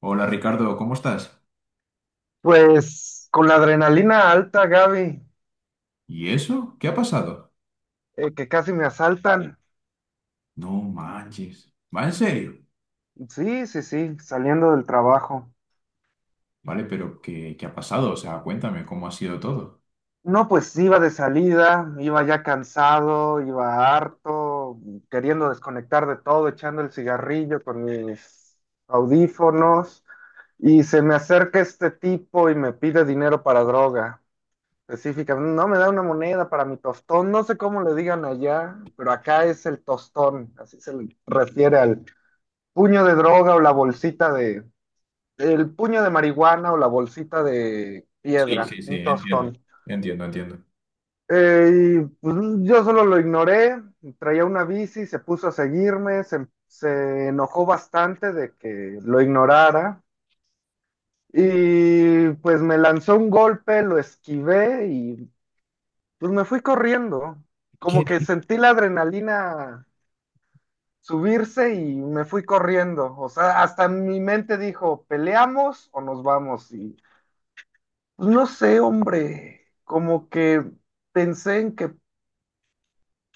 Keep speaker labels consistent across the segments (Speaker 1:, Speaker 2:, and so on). Speaker 1: Hola Ricardo, ¿cómo estás?
Speaker 2: Pues con la adrenalina alta, Gaby,
Speaker 1: ¿Y eso? ¿Qué ha pasado?
Speaker 2: que casi me asaltan.
Speaker 1: No manches. ¿Va en serio?
Speaker 2: Sí, sí, sí, saliendo del trabajo.
Speaker 1: Vale, pero ¿qué ha pasado. O sea, cuéntame cómo ha sido todo.
Speaker 2: No, pues iba de salida, iba ya cansado, iba harto, queriendo desconectar de todo, echando el cigarrillo con mis audífonos, y se me acerca este tipo y me pide dinero para droga. Específicamente, no me da una moneda para mi tostón, no sé cómo le digan allá, pero acá es el tostón, así se le refiere al puño de droga o la bolsita de, el puño de marihuana o la bolsita de
Speaker 1: Sí,
Speaker 2: piedra,
Speaker 1: sí, sí,
Speaker 2: un
Speaker 1: entiendo.
Speaker 2: tostón.
Speaker 1: Entiendo, entiendo.
Speaker 2: Eh, y pues, yo solo lo ignoré, traía una bici, se puso a seguirme, se enojó bastante de que lo ignorara y pues me lanzó un golpe, lo esquivé y pues me fui corriendo. Como que
Speaker 1: ¿Qué?
Speaker 2: sentí la adrenalina subirse y me fui corriendo. O sea, hasta mi mente dijo, ¿peleamos o nos vamos? Y pues, no sé, hombre, como que pensé en que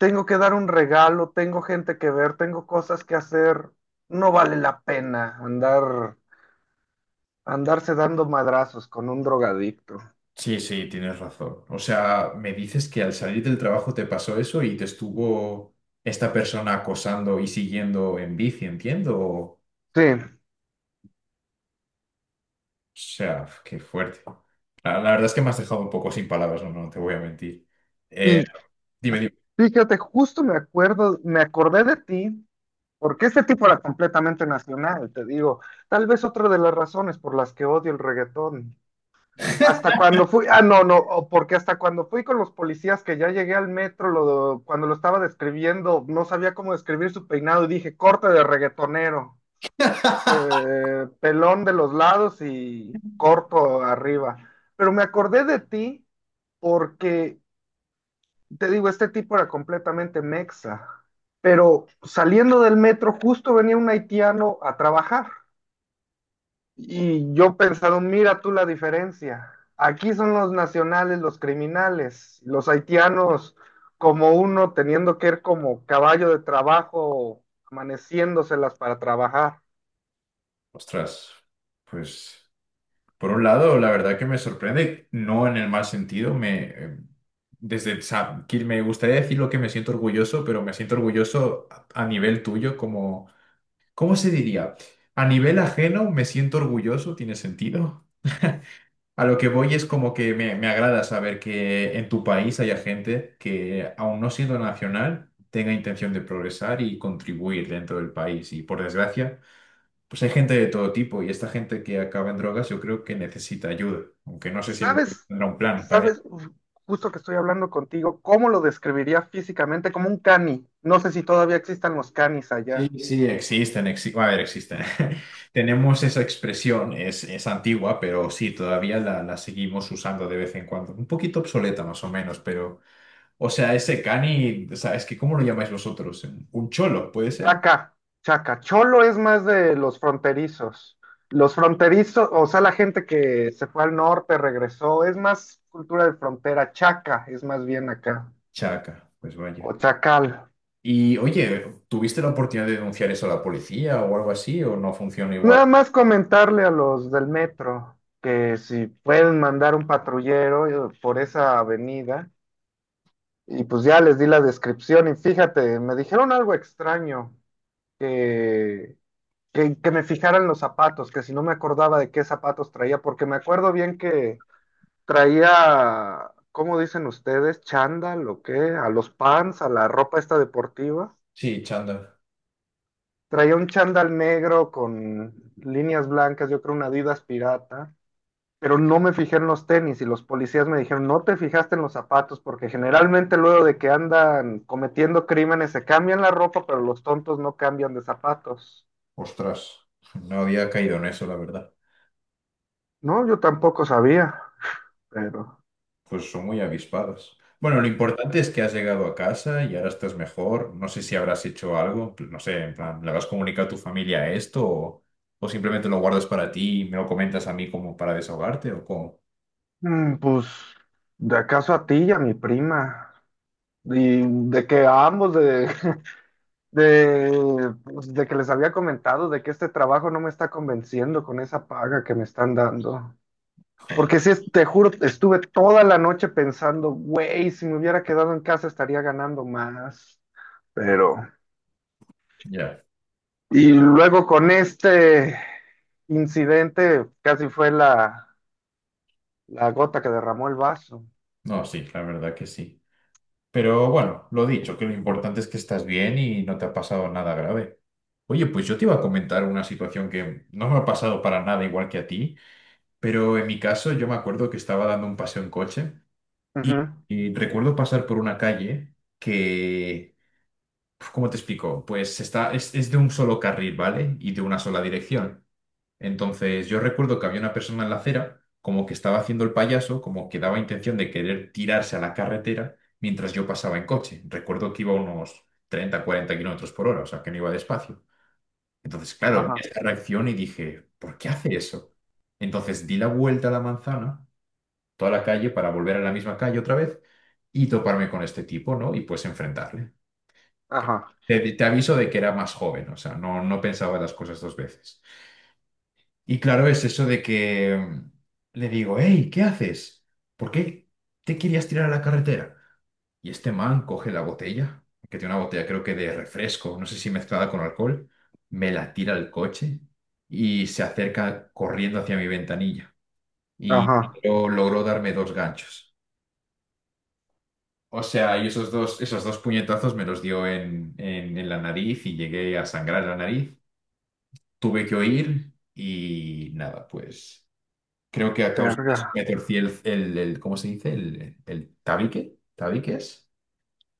Speaker 2: tengo que dar un regalo, tengo gente que ver, tengo cosas que hacer. No vale la pena andar, andarse dando madrazos con un drogadicto.
Speaker 1: Sí, sí, tienes razón. O sea, me dices que al salir del trabajo te pasó eso y te estuvo esta persona acosando y siguiendo en bici, entiendo. O
Speaker 2: Sí,
Speaker 1: sea, qué fuerte. La verdad es que me has dejado un poco sin palabras, no, no te voy a mentir. Eh,
Speaker 2: y
Speaker 1: Dime, dime.
Speaker 2: fíjate, justo me acordé de ti, porque este tipo era completamente nacional, te digo. Tal vez otra de las razones por las que odio el reggaetón. Hasta cuando fui, ah, no, no, o Porque hasta cuando fui con los policías que ya llegué al metro, cuando lo estaba describiendo, no sabía cómo describir su peinado y dije corte de reggaetonero, pelón de los lados y corto arriba. Pero me acordé de ti porque, te digo, este tipo era completamente mexa, pero saliendo del metro justo venía un haitiano a trabajar. Y yo pensando, mira tú la diferencia. Aquí son los nacionales, los criminales, los haitianos como uno teniendo que ir como caballo de trabajo, amaneciéndoselas para trabajar.
Speaker 1: Ostras, pues por un lado, la verdad que me sorprende, no en el mal sentido, me desde que me gustaría decir lo que me siento orgulloso, pero me siento orgulloso a nivel tuyo, como, ¿cómo se diría? A nivel ajeno me siento orgulloso, ¿tiene sentido? A lo que voy es como que me agrada saber que en tu país haya gente que, aun no siendo nacional, tenga intención de progresar y contribuir dentro del país. Y por desgracia, pues hay gente de todo tipo y esta gente que acaba en drogas yo creo que necesita ayuda, aunque no sé si el gobierno
Speaker 2: ¿Sabes?
Speaker 1: tendrá un plan para ello.
Speaker 2: ¿Sabes? Justo que estoy hablando contigo, ¿cómo lo describiría físicamente? Como un cani. No sé si todavía existan los canis
Speaker 1: Sí,
Speaker 2: allá.
Speaker 1: sí, existen, a ver, existen. Tenemos esa expresión, es antigua, pero sí, todavía la seguimos usando de vez en cuando. Un poquito obsoleta más o menos, pero, o sea, ese cani, o sea, es que ¿cómo lo llamáis vosotros? Un cholo, puede ser.
Speaker 2: Chaca, chaca. Cholo es más de los fronterizos. Los fronterizos, o sea, la gente que se fue al norte, regresó, es más cultura de frontera. Chaca es más bien acá.
Speaker 1: Chaca, pues vaya.
Speaker 2: O chacal.
Speaker 1: Y oye, ¿tuviste la oportunidad de denunciar eso a la policía o algo así o no funciona igual?
Speaker 2: Nada más comentarle a los del metro que si pueden mandar un patrullero por esa avenida. Y pues ya les di la descripción y fíjate, me dijeron algo extraño, que, que me fijaran los zapatos, que si no me acordaba de qué zapatos traía, porque me acuerdo bien que traía, ¿cómo dicen ustedes? ¿Chándal o qué? A los pants, a la ropa esta deportiva.
Speaker 1: Sí, chanda.
Speaker 2: Traía un chándal negro con líneas blancas, yo creo una Adidas pirata, pero no me fijé en los tenis y los policías me dijeron, no te fijaste en los zapatos porque generalmente luego de que andan cometiendo crímenes se cambian la ropa, pero los tontos no cambian de zapatos.
Speaker 1: Ostras, no había caído en eso, la verdad.
Speaker 2: No, yo tampoco sabía, pero...
Speaker 1: Pues son muy avispadas. Bueno, lo importante es que has llegado a casa y ahora estás mejor. No sé si habrás hecho algo, no sé, en plan, ¿le vas a comunicar a tu familia esto, o simplemente lo guardas para ti y me lo comentas a mí como para desahogarte o cómo?
Speaker 2: pues, ¿de acaso a ti y a mi prima? Y de que a ambos, de, pues, de que les había comentado de que este trabajo no me está convenciendo con esa paga que me están dando.
Speaker 1: Joder,
Speaker 2: Porque si te juro, estuve toda la noche pensando, güey, si me hubiera quedado en casa estaría ganando más. Pero,
Speaker 1: ya.
Speaker 2: y luego con este incidente casi fue la, la gota que derramó el vaso.
Speaker 1: No, sí, la verdad que sí. Pero bueno, lo dicho, que lo importante es que estás bien y no te ha pasado nada grave. Oye, pues yo te iba a comentar una situación que no me ha pasado para nada igual que a ti. Pero en mi caso, yo me acuerdo que estaba dando un paseo en coche
Speaker 2: Ujú.
Speaker 1: y recuerdo pasar por una calle que, uf, ¿cómo te explico? Pues está, es de un solo carril, ¿vale? Y de una sola dirección. Entonces, yo recuerdo que había una persona en la acera, como que estaba haciendo el payaso, como que daba intención de querer tirarse a la carretera mientras yo pasaba en coche. Recuerdo que iba a unos 30 40 kilómetros por hora, o sea, que no iba despacio. Entonces, claro, vi
Speaker 2: Ajá,
Speaker 1: esta reacción y dije, ¿por qué hace eso? Entonces di la vuelta a la manzana, toda la calle, para volver a la misma calle otra vez y toparme con este tipo, ¿no? Y pues enfrentarle. Ok.
Speaker 2: ajá,
Speaker 1: Te aviso de que era más joven, o sea, no, no pensaba las cosas dos veces. Y claro, es eso de que le digo, hey, ¿qué haces? ¿Por qué te querías tirar a la carretera? Y este man coge la botella, que tiene una botella creo que de refresco, no sé si mezclada con alcohol, me la tira al coche y se acerca corriendo hacia mi ventanilla. Y
Speaker 2: ajá.
Speaker 1: yo logró darme dos ganchos. O sea, y esos dos puñetazos me los dio en la nariz y llegué a sangrar la nariz. Tuve que oír y nada, pues creo que a causa de eso
Speaker 2: Verga.
Speaker 1: me torcí el ¿cómo se dice? El tabique, ¿tabique es?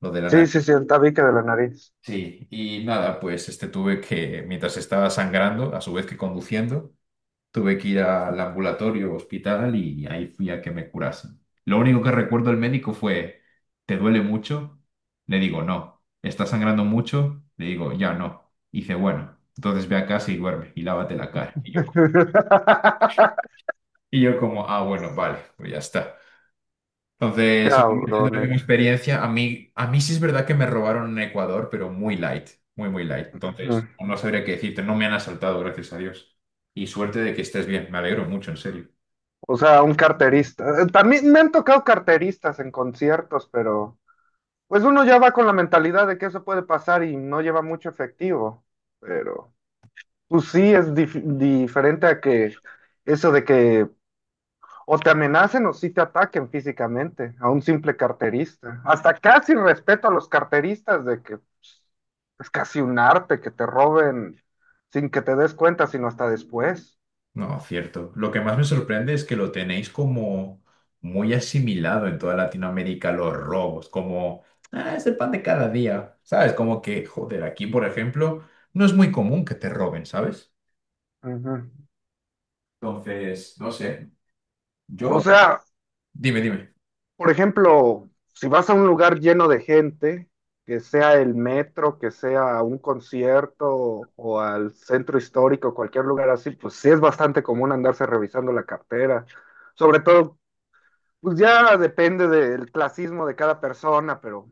Speaker 1: Lo de la
Speaker 2: Sí,
Speaker 1: nariz.
Speaker 2: sí, sí, el tabique de la nariz.
Speaker 1: Sí, y nada, pues este tuve que, mientras estaba sangrando, a su vez que conduciendo, tuve que ir al ambulatorio, hospital, y ahí fui a que me curasen. Lo único que recuerdo del médico fue, ¿te duele mucho? Le digo, no. ¿Estás sangrando mucho? Le digo, ya no. Y dice, bueno, entonces ve a casa y duerme y lávate la cara. Y yo, y yo como, ah, bueno, vale, pues ya está. Entonces, obviamente no es
Speaker 2: Cabrones.
Speaker 1: mi experiencia. A mí sí es verdad que me robaron en Ecuador, pero muy light, muy, muy light.
Speaker 2: Ujú.
Speaker 1: Entonces, no sabría qué decirte, no me han asaltado, gracias a Dios. Y suerte de que estés bien, me alegro mucho, en serio.
Speaker 2: O sea, un carterista. También me han tocado carteristas en conciertos, pero pues uno ya va con la mentalidad de que eso puede pasar y no lleva mucho efectivo. Pero pues sí es diferente a que eso de que o te amenacen o sí te ataquen físicamente a un simple carterista. Hasta casi respeto a los carteristas de que pues, es casi un arte que te roben sin que te des cuenta, sino hasta después.
Speaker 1: No, cierto. Lo que más me sorprende es que lo tenéis como muy asimilado en toda Latinoamérica, los robos, como, "Ah, es el pan de cada día, ¿sabes? Como que, joder, aquí, por ejemplo, no es muy común que te roben, ¿sabes?
Speaker 2: Ujú.
Speaker 1: Entonces, no sé,
Speaker 2: O
Speaker 1: yo...
Speaker 2: sea,
Speaker 1: Dime, dime.
Speaker 2: por ejemplo, si vas a un lugar lleno de gente, que sea el metro, que sea un concierto o al centro histórico, cualquier lugar así, pues sí es bastante común andarse revisando la cartera. Sobre todo, pues ya depende del clasismo de cada persona, pero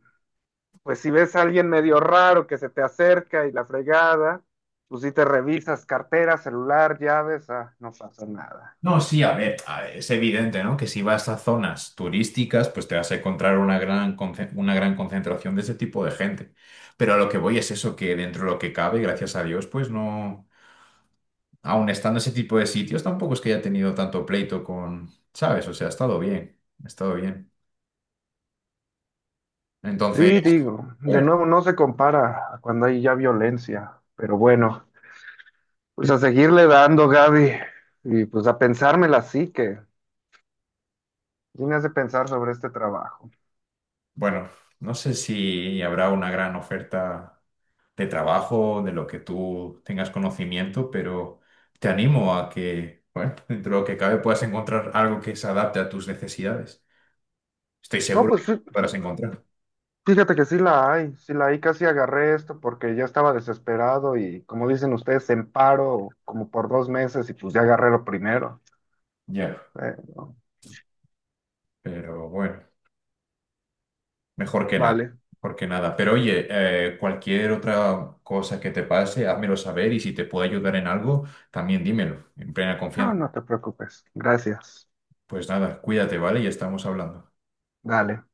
Speaker 2: pues si ves a alguien medio raro que se te acerca y la fregada, pues sí te revisas cartera, celular, llaves, ah, no pasa nada.
Speaker 1: No, sí, a ver, es evidente, ¿no? Que si vas a zonas turísticas, pues te vas a encontrar una una gran concentración de ese tipo de gente. Pero a lo que voy es eso, que dentro de lo que cabe, gracias a Dios, pues no... aun estando ese tipo de sitios, tampoco es que haya tenido tanto pleito con, ¿sabes? O sea, ha estado bien, ha estado bien. Entonces,
Speaker 2: Sí, digo, de
Speaker 1: bueno,
Speaker 2: nuevo no se compara a cuando hay ya violencia, pero bueno, pues a seguirle dando, Gaby, y pues a pensármela así que sí me hace pensar sobre este trabajo.
Speaker 1: bueno, no sé si habrá una gran oferta de trabajo, de lo que tú tengas conocimiento, pero te animo a que, bueno, dentro de lo que cabe puedas encontrar algo que se adapte a tus necesidades. Estoy
Speaker 2: No,
Speaker 1: seguro de
Speaker 2: pues
Speaker 1: que podrás encontrar.
Speaker 2: fíjate que sí la hay, casi agarré esto porque ya estaba desesperado y como dicen ustedes, en paro como por 2 meses y pues ya agarré lo primero.
Speaker 1: Ya.
Speaker 2: Pero,
Speaker 1: Pero bueno. Mejor que nada,
Speaker 2: vale,
Speaker 1: mejor que nada. Pero oye, cualquier otra cosa que te pase, házmelo saber, y si te puedo ayudar en algo, también dímelo, en plena
Speaker 2: no,
Speaker 1: confianza.
Speaker 2: no te preocupes, gracias,
Speaker 1: Pues nada, cuídate, ¿vale? Y estamos hablando.
Speaker 2: dale.